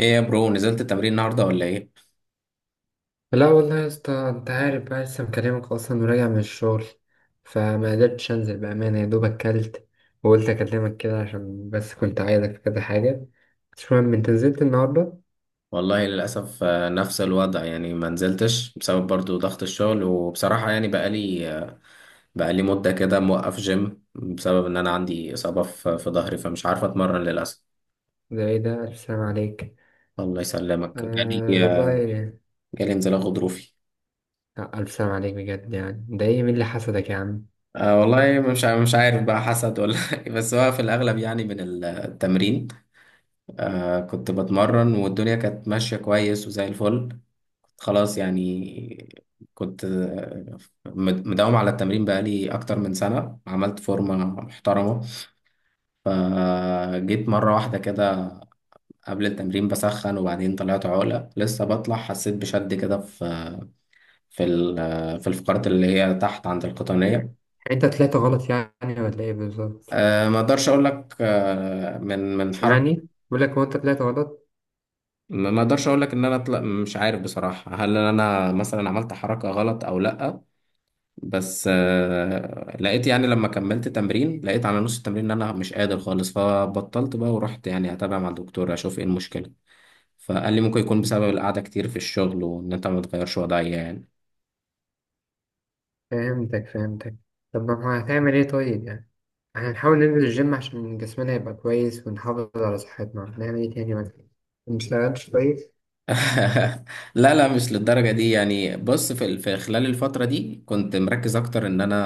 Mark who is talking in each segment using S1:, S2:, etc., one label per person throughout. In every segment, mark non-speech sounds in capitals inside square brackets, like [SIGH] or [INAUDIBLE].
S1: ايه يا برو، نزلت التمرين النهارده ولا ايه؟
S2: لا والله يا اسطى، انت عارف بقى لسه مكلمك اصلا وراجع من الشغل، فما قدرتش انزل. بامانه يا دوب اكلت وقلت اكلمك كده عشان بس كنت عايزك في كذا حاجه. مش مهم، انت نزلت النهارده؟
S1: والله للاسف. نفس الوضع يعني، ما نزلتش بسبب برضو ضغط الشغل. وبصراحه يعني بقالي مده كده موقف جيم، بسبب ان انا عندي اصابه في ظهري، فمش عارف اتمرن للاسف.
S2: ده ايه ده، الف سلام عليك.
S1: الله يسلمك،
S2: آه
S1: آه،
S2: والله.
S1: جالي انزلاق غضروفي.
S2: لا، الف سلام عليك بجد، يعني ده ايه، مين اللي حسدك يا عم؟
S1: أه، والله مش عارف بقى، حسد ولا [LAUGHS] بس هو في الاغلب يعني من التمرين. أه، كنت بتمرن والدنيا كانت ماشيه كويس وزي الفل. خلاص يعني، كنت مداوم على التمرين بقالي أكتر من سنة، عملت فورمة محترمة. فجيت مرة واحدة كده قبل التمرين بسخن، وبعدين طلعت عقلة، لسه بطلع حسيت بشد كده في في الفقرات اللي هي تحت عند القطنية.
S2: يعني انت طلعت غلط يعني ولا ايه بالظبط؟
S1: ما اقدرش اقول لك، من حركة.
S2: سامعني، بقول لك هو انت طلعت غلط؟
S1: ما اقدرش اقول لك ان انا طلع، مش عارف بصراحة هل انا مثلا عملت حركة غلط او لا. بس لقيت يعني، لما كملت تمرين لقيت على نص التمرين ان انا مش قادر خالص، فبطلت بقى ورحت يعني اتابع مع الدكتور اشوف ايه المشكلة. فقال لي ممكن يكون بسبب القعدة كتير في الشغل، وان انت ما تغيرش وضعية يعني.
S2: فهمتك فهمتك. طب ما هو هتعمل ايه طيب يعني؟ احنا نحاول ننزل الجيم عشان جسمنا يبقى كويس ونحافظ على صحتنا، هنعمل ايه تاني مثلا؟ ما نشتغلش كويس.
S1: [LAUGHS] لا، لا، مش للدرجة دي يعني. بص، في خلال الفترة دي كنت مركز أكتر إن أنا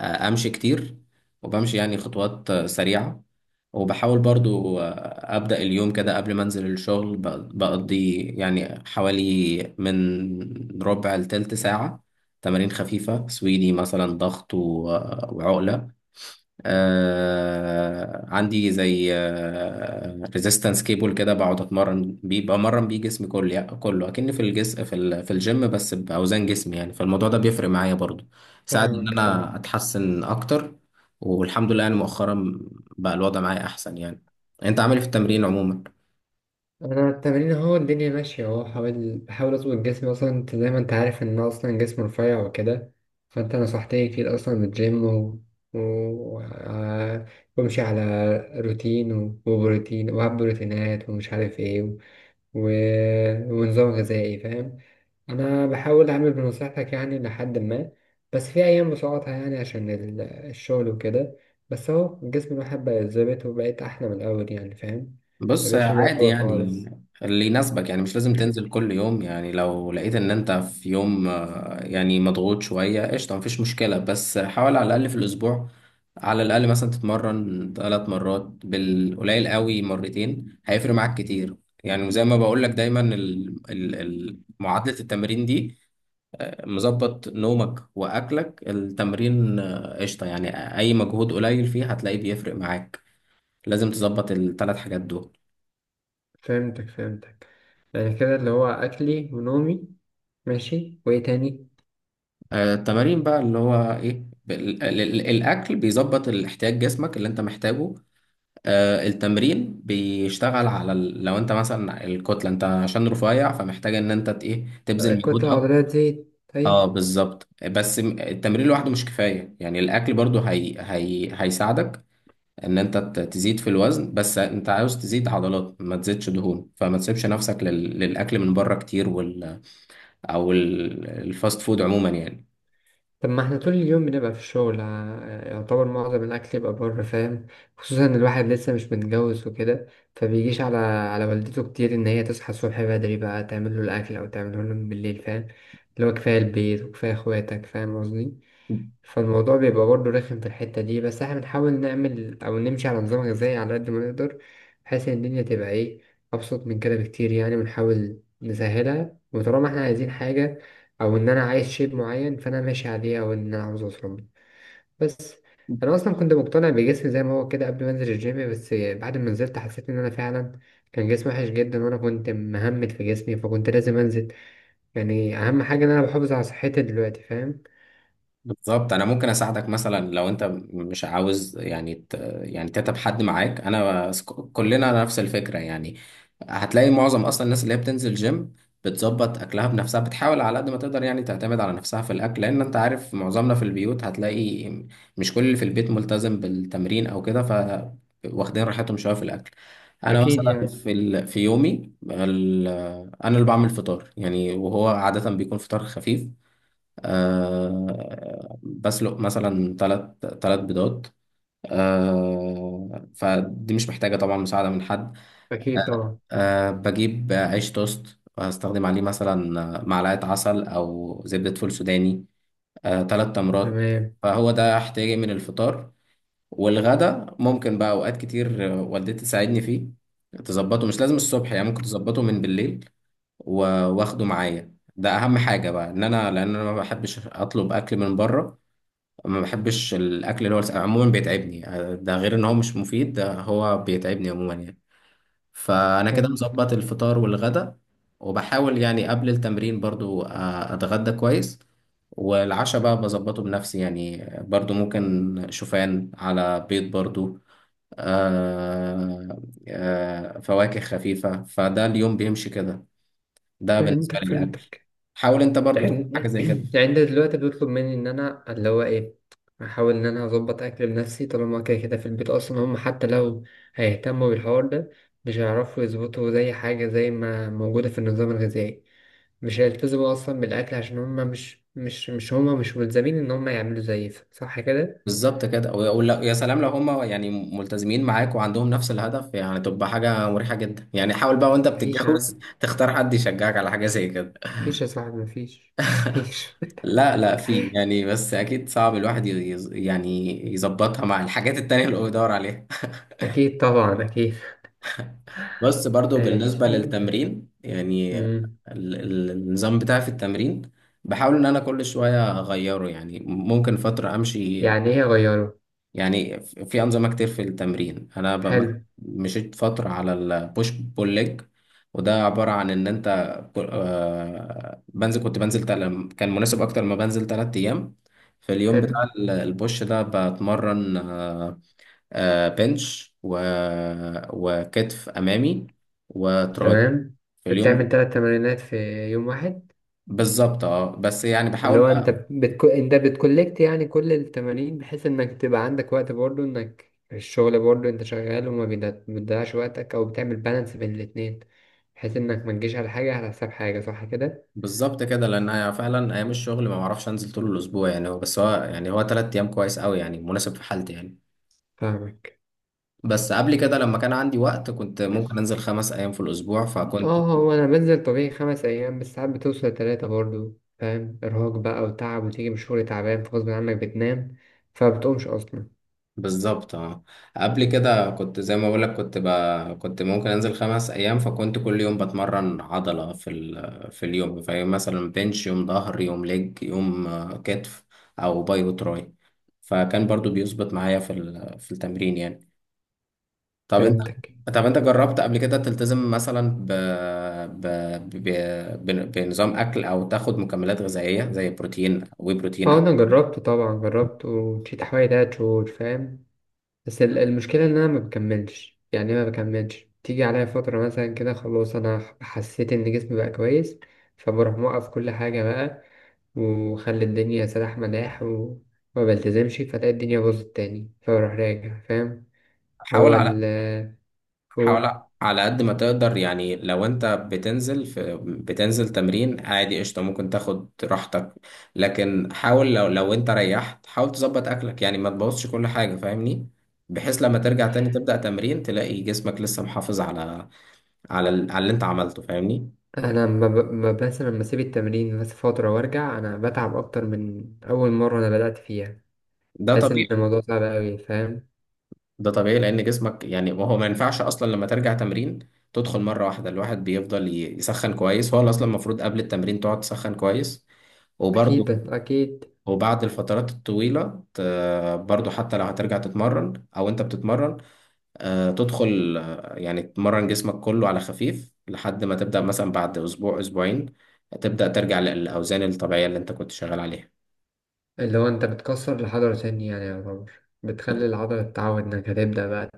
S1: أمشي كتير، وبمشي يعني خطوات سريعة. وبحاول برضو أبدأ اليوم كده قبل ما أنزل الشغل، بقضي يعني حوالي من ربع لتلت ساعة تمارين خفيفة، سويدي مثلا، ضغط وعقلة. عندي زي ريزيستنس كيبل كده، بقعد اتمرن بيه، بمرن بيه جسمي كله يعني، كله اكني في الجس في ال... في الجيم، بس باوزان جسمي يعني. فالموضوع ده بيفرق معايا برضو، ساعد ان
S2: فاهمك
S1: انا
S2: فاهمك.
S1: اتحسن اكتر. والحمد لله يعني مؤخرا بقى الوضع معايا احسن يعني. انت عامل إيه في التمرين عموما؟
S2: انا التمرين اهو الدنيا ماشيه اهو، حاول بحاول اظبط جسمي، اصلا انت زي ما انت عارف ان أنا اصلا جسمي رفيع وكده. فانت نصحتني كتير اصلا بالجيم و... و... آه، وامشي على روتين وبروتين، وهب بروتينات ومش عارف ايه و... ونظام غذائي، فاهم. انا بحاول اعمل بنصيحتك يعني لحد ما، بس في ايام بسقطها يعني عشان الشغل وكده. بس اهو جسم الواحد بقى اتظبط وبقيت احلى من الاول، يعني فاهم،
S1: بص،
S2: مبقتش زي
S1: عادي
S2: الاول
S1: يعني،
S2: خالص.
S1: اللي يناسبك يعني. مش لازم تنزل كل يوم يعني، لو لقيت ان انت في يوم يعني مضغوط شوية قشطة، مفيش مشكلة. بس حاول على الأقل في الأسبوع، على الأقل مثلا تتمرن ثلاث مرات، بالقليل قوي مرتين، هيفرق معاك كتير. يعني وزي ما بقول لك دايما، معادلة التمرين دي، مظبط نومك وأكلك التمرين، قشطة. يعني أي مجهود قليل فيه هتلاقيه بيفرق معاك. لازم تظبط الثلاث حاجات دول.
S2: فهمتك فهمتك. يعني كده اللي هو اكلي ونومي، ماشي، وايه تاني؟
S1: التمارين بقى اللي هو ايه، الاكل بيظبط الاحتياج جسمك اللي انت محتاجه. التمرين بيشتغل على لو انت مثلا الكتله، انت عشان رفيع فمحتاج ان انت ت- ايه تبذل
S2: الكتله
S1: مجهود أو...
S2: العضليه تزيد،
S1: اه،
S2: طيب.
S1: بالظبط. بس التمرين لوحده مش كفايه يعني، الاكل برضو هيساعدك ان انت تزيد في الوزن. بس انت عاوز تزيد عضلات ما تزيدش دهون، فما تسيبش نفسك للاكل من بره كتير او الفاست فود عموما يعني.
S2: طب ما احنا طول اليوم بنبقى في الشغل، يعتبر معظم الأكل يبقى بره، فاهم. خصوصا إن الواحد لسه مش متجوز وكده، فبيجيش على على والدته كتير إن هي تصحى الصبح بدري بقى تعمل له الأكل أو تعمله له بالليل، فاهم. اللي هو كفاية البيت وكفاية إخواتك، فاهم قصدي؟ فالموضوع بيبقى برضه رخم في الحتة دي، بس احنا بنحاول نعمل أو نمشي على نظام غذائي على قد ما نقدر، بحيث إن الدنيا تبقى إيه، أبسط من كده بكتير. يعني بنحاول نسهلها، وطالما احنا عايزين حاجة أو إن أنا عايز شيب معين فأنا ماشي عليه، أو إن أنا عاوز أوصل له. بس أنا أصلا كنت مقتنع بجسمي زي ما هو كده قبل ما أنزل الجيم، بس بعد ما نزلت حسيت إن أنا فعلا كان جسمي وحش جدا، وأنا كنت مهمل في جسمي فكنت لازم أنزل. يعني أهم حاجة إن أنا بحافظ على صحتي دلوقتي، فاهم.
S1: بالظبط، انا ممكن اساعدك مثلا، لو انت مش عاوز يعني يعني تتعب حد معاك، انا كلنا نفس الفكره يعني. هتلاقي معظم اصلا الناس اللي هي بتنزل جيم بتظبط اكلها بنفسها، بتحاول على قد ما تقدر يعني تعتمد على نفسها في الاكل، لان انت عارف معظمنا في البيوت هتلاقي مش كل اللي في البيت ملتزم بالتمرين او كده، ف واخدين راحتهم شويه في الاكل. انا
S2: أكيد
S1: مثلا
S2: يعني.
S1: في يومي انا اللي بعمل فطار يعني، وهو عاده بيكون فطار خفيف. بسلق مثلا ثلاث بيضات. فدي مش محتاجة طبعا مساعدة من حد.
S2: أكيد طبعا.
S1: بجيب عيش توست هستخدم عليه مثلا معلقة عسل أو زبدة فول سوداني، ثلاث تمرات.
S2: تمام.
S1: فهو ده احتياجي من الفطار. والغدا ممكن بقى أوقات كتير والدتي تساعدني فيه، تظبطه. مش لازم الصبح يعني، ممكن تظبطه من بالليل واخده معايا. ده اهم حاجه بقى ان انا لان انا ما بحبش اطلب اكل من بره. ما بحبش الاكل اللي هو عموما بيتعبني، ده غير ان هو مش مفيد، ده هو بيتعبني عموما يعني. فانا كده
S2: فهمتك
S1: مظبط الفطار والغدا. وبحاول يعني قبل التمرين برضو اتغدى كويس. والعشاء بقى بظبطه بنفسي يعني، برضو ممكن شوفان على بيض برضو، آه فواكه خفيفة، فده اليوم بيمشي كده. ده بالنسبة
S2: فهمتك
S1: للأكل،
S2: فهمتك.
S1: حاول انت برضو تعمل حاجة
S2: يعني
S1: زي كده.
S2: [CLEARS THROAT] يعني انت دلوقتي بيطلب مني ان انا اللي هو ايه، احاول ان انا اظبط اكل لنفسي، طالما كده كده في البيت اصلا هم حتى لو هيهتموا بالحوار ده، مش هيعرفوا يظبطوا زي حاجة زي ما موجودة في النظام الغذائي. مش هيلتزموا اصلا بالاكل عشان هم مش هم مش ملزمين ان هم يعملوا زي صح كده.
S1: بالظبط كده، ويا سلام لو هم يعني ملتزمين معاك وعندهم نفس الهدف، يعني تبقى حاجة مريحة جدا يعني. حاول بقى وانت
S2: مفيش يا
S1: بتتجوز
S2: عم،
S1: [LAUGHS] تختار حد يشجعك على حاجة زي كده.
S2: مفيش يا صاحبي، مفيش، مفيش.
S1: لا، لا، في
S2: [LAUGHS]
S1: يعني، بس اكيد صعب الواحد يعني يظبطها مع الحاجات التانية اللي هو بيدور عليها.
S2: اكيد طبعا، اكيد.
S1: [LAUGHS] بس برضو
S2: ماشي.
S1: بالنسبة للتمرين يعني،
S2: مم.
S1: النظام بتاعي في التمرين بحاول ان انا كل شوية اغيره يعني، ممكن فترة امشي
S2: يعني ايه اغيره؟
S1: يعني، في أنظمة كتير في التمرين. أنا مثلاً
S2: حلو.
S1: مشيت فترة على البوش بول ليج. وده عبارة عن إن أنت كنت بنزل كان مناسب أكتر ما بنزل 3 أيام. في اليوم
S2: حلو.
S1: بتاع البوش ده بتمرن، بنش وكتف أمامي وتراي
S2: تمام.
S1: في اليوم.
S2: بتعمل ثلاث تمرينات في يوم واحد؟
S1: بالظبط اه، بس يعني
S2: اللي
S1: بحاول.
S2: هو انت انت بتكولكت يعني كل التمارين، بحيث انك تبقى عندك وقت برضه، انك الشغل برضه انت شغال وما بتضيعش وقتك، او بتعمل بالانس بين الاتنين، بحيث انك ما تجيش على حاجة على حساب حاجة، صح كده؟
S1: بالظبط كده، لان أنا فعلا ايام الشغل ما بعرفش انزل طول الاسبوع يعني. هو 3 ايام كويس قوي يعني، مناسب في حالتي يعني.
S2: فاهمك.
S1: بس قبل كده لما كان عندي وقت كنت ممكن انزل 5 ايام في الاسبوع، فكنت.
S2: اه، هو انا بنزل طبيعي خمس ايام، بس ساعات بتوصل تلاتة برضه، فاهم ارهاق بقى وتعب، وتيجي من الشغل تعبان فغصب عنك بتنام، فبتقومش اصلا.
S1: بالظبط اه، قبل كده كنت زي ما بقولك، كنت ممكن انزل خمس ايام، فكنت كل يوم بتمرن عضلة في اليوم. فيوم مثلا بنش، يوم ظهر، يوم ليج، يوم كتف او باي وتراي. فكان برضو بيظبط معايا في التمرين يعني. طب انت،
S2: فهمتك.
S1: جربت قبل كده تلتزم مثلا ب... ب... بنظام اكل او تاخد مكملات غذائيه زي بروتين
S2: اه
S1: او...
S2: انا جربته، طبعا جربته وفي تحوالي تلات شهور، فاهم. بس المشكله ان انا ما بكملش، يعني إيه ما بكملش، تيجي عليا فتره مثلا كده، خلاص انا حسيت ان جسمي بقى كويس، فبروح موقف كل حاجه بقى، وخلي الدنيا سلاح مداح، وما بلتزمش، فتلاقي الدنيا باظت تاني، فبروح راجع، فاهم.
S1: حاول
S2: هو
S1: على
S2: ال قول
S1: حاول على قد ما تقدر يعني. لو انت بتنزل تمرين عادي قشطه، ممكن تاخد راحتك. لكن حاول، لو انت ريحت، حاول تظبط اكلك يعني، ما تبوظش كل حاجه، فاهمني؟ بحيث لما ترجع تاني تبدأ تمرين تلاقي جسمك لسه محافظ على اللي انت عملته، فاهمني؟
S2: انا ما ب... ما بس لما اسيب التمرين بس فتره وارجع، انا بتعب اكتر من اول مره انا بدات فيها.
S1: ده
S2: حاسس ان
S1: طبيعي.
S2: الموضوع صعب قوي، فاهم.
S1: ده طبيعي، لان جسمك يعني، ما هو ما ينفعش اصلا لما ترجع تمرين تدخل مره واحده. الواحد بيفضل يسخن كويس، هو اصلا المفروض قبل التمرين تقعد تسخن كويس. وبرده
S2: أكيد أكيد.
S1: وبعد الفترات الطويله، برضه حتى لو هترجع تتمرن او انت بتتمرن، تدخل يعني تمرن جسمك كله على خفيف، لحد ما تبدا مثلا بعد اسبوع اسبوعين تبدا ترجع للاوزان الطبيعيه اللي انت كنت شغال عليها.
S2: اللي هو أنت بتكسر العضلة تاني، يعني يعتبر بتخلي العضلة تتعود إنك هتبدأ بقى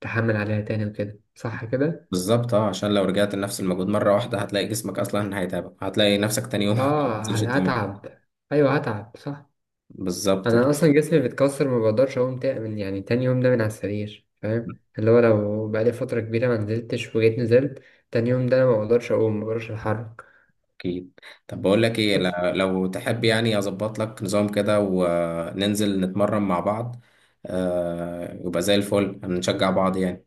S2: تحمل عليها تاني وكده، صح كده؟
S1: بالظبط اه، عشان لو رجعت لنفس المجهود مره واحده هتلاقي جسمك اصلا هيتعبك، هتلاقي نفسك تاني يوم [LAUGHS] ما
S2: آه
S1: بتنزلش التمرين.
S2: هتعب. أيوه هتعب، صح.
S1: بالظبط
S2: أنا
S1: كده.
S2: أصلا جسمي بيتكسر، ما بقدرش أقوم من يعني تاني يوم ده من على السرير، فاهم، اللي هو لو بقالي فترة كبيرة ما نزلتش وجيت نزلت، تاني يوم ده أنا ما بقدرش أقوم، ما بقدرش أتحرك.
S1: اكيد. طب بقول لك ايه،
S2: بس.
S1: لو تحب يعني اظبط لك نظام كده وننزل نتمرن مع بعض، يبقى زي الفل، هنشجع بعض يعني.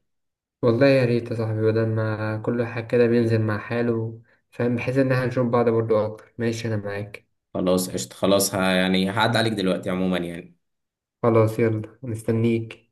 S2: والله يا ريت يا صاحبي، بدل ما كل واحد كده بينزل مع حاله، فاهم، بحيث إن احنا نشوف بعض برضه أكتر. ماشي، أنا معاك.
S1: خلاص قشطة، خلاص، يعني هعد عليك دلوقتي عموما يعني.
S2: خلاص يلا، مستنيك.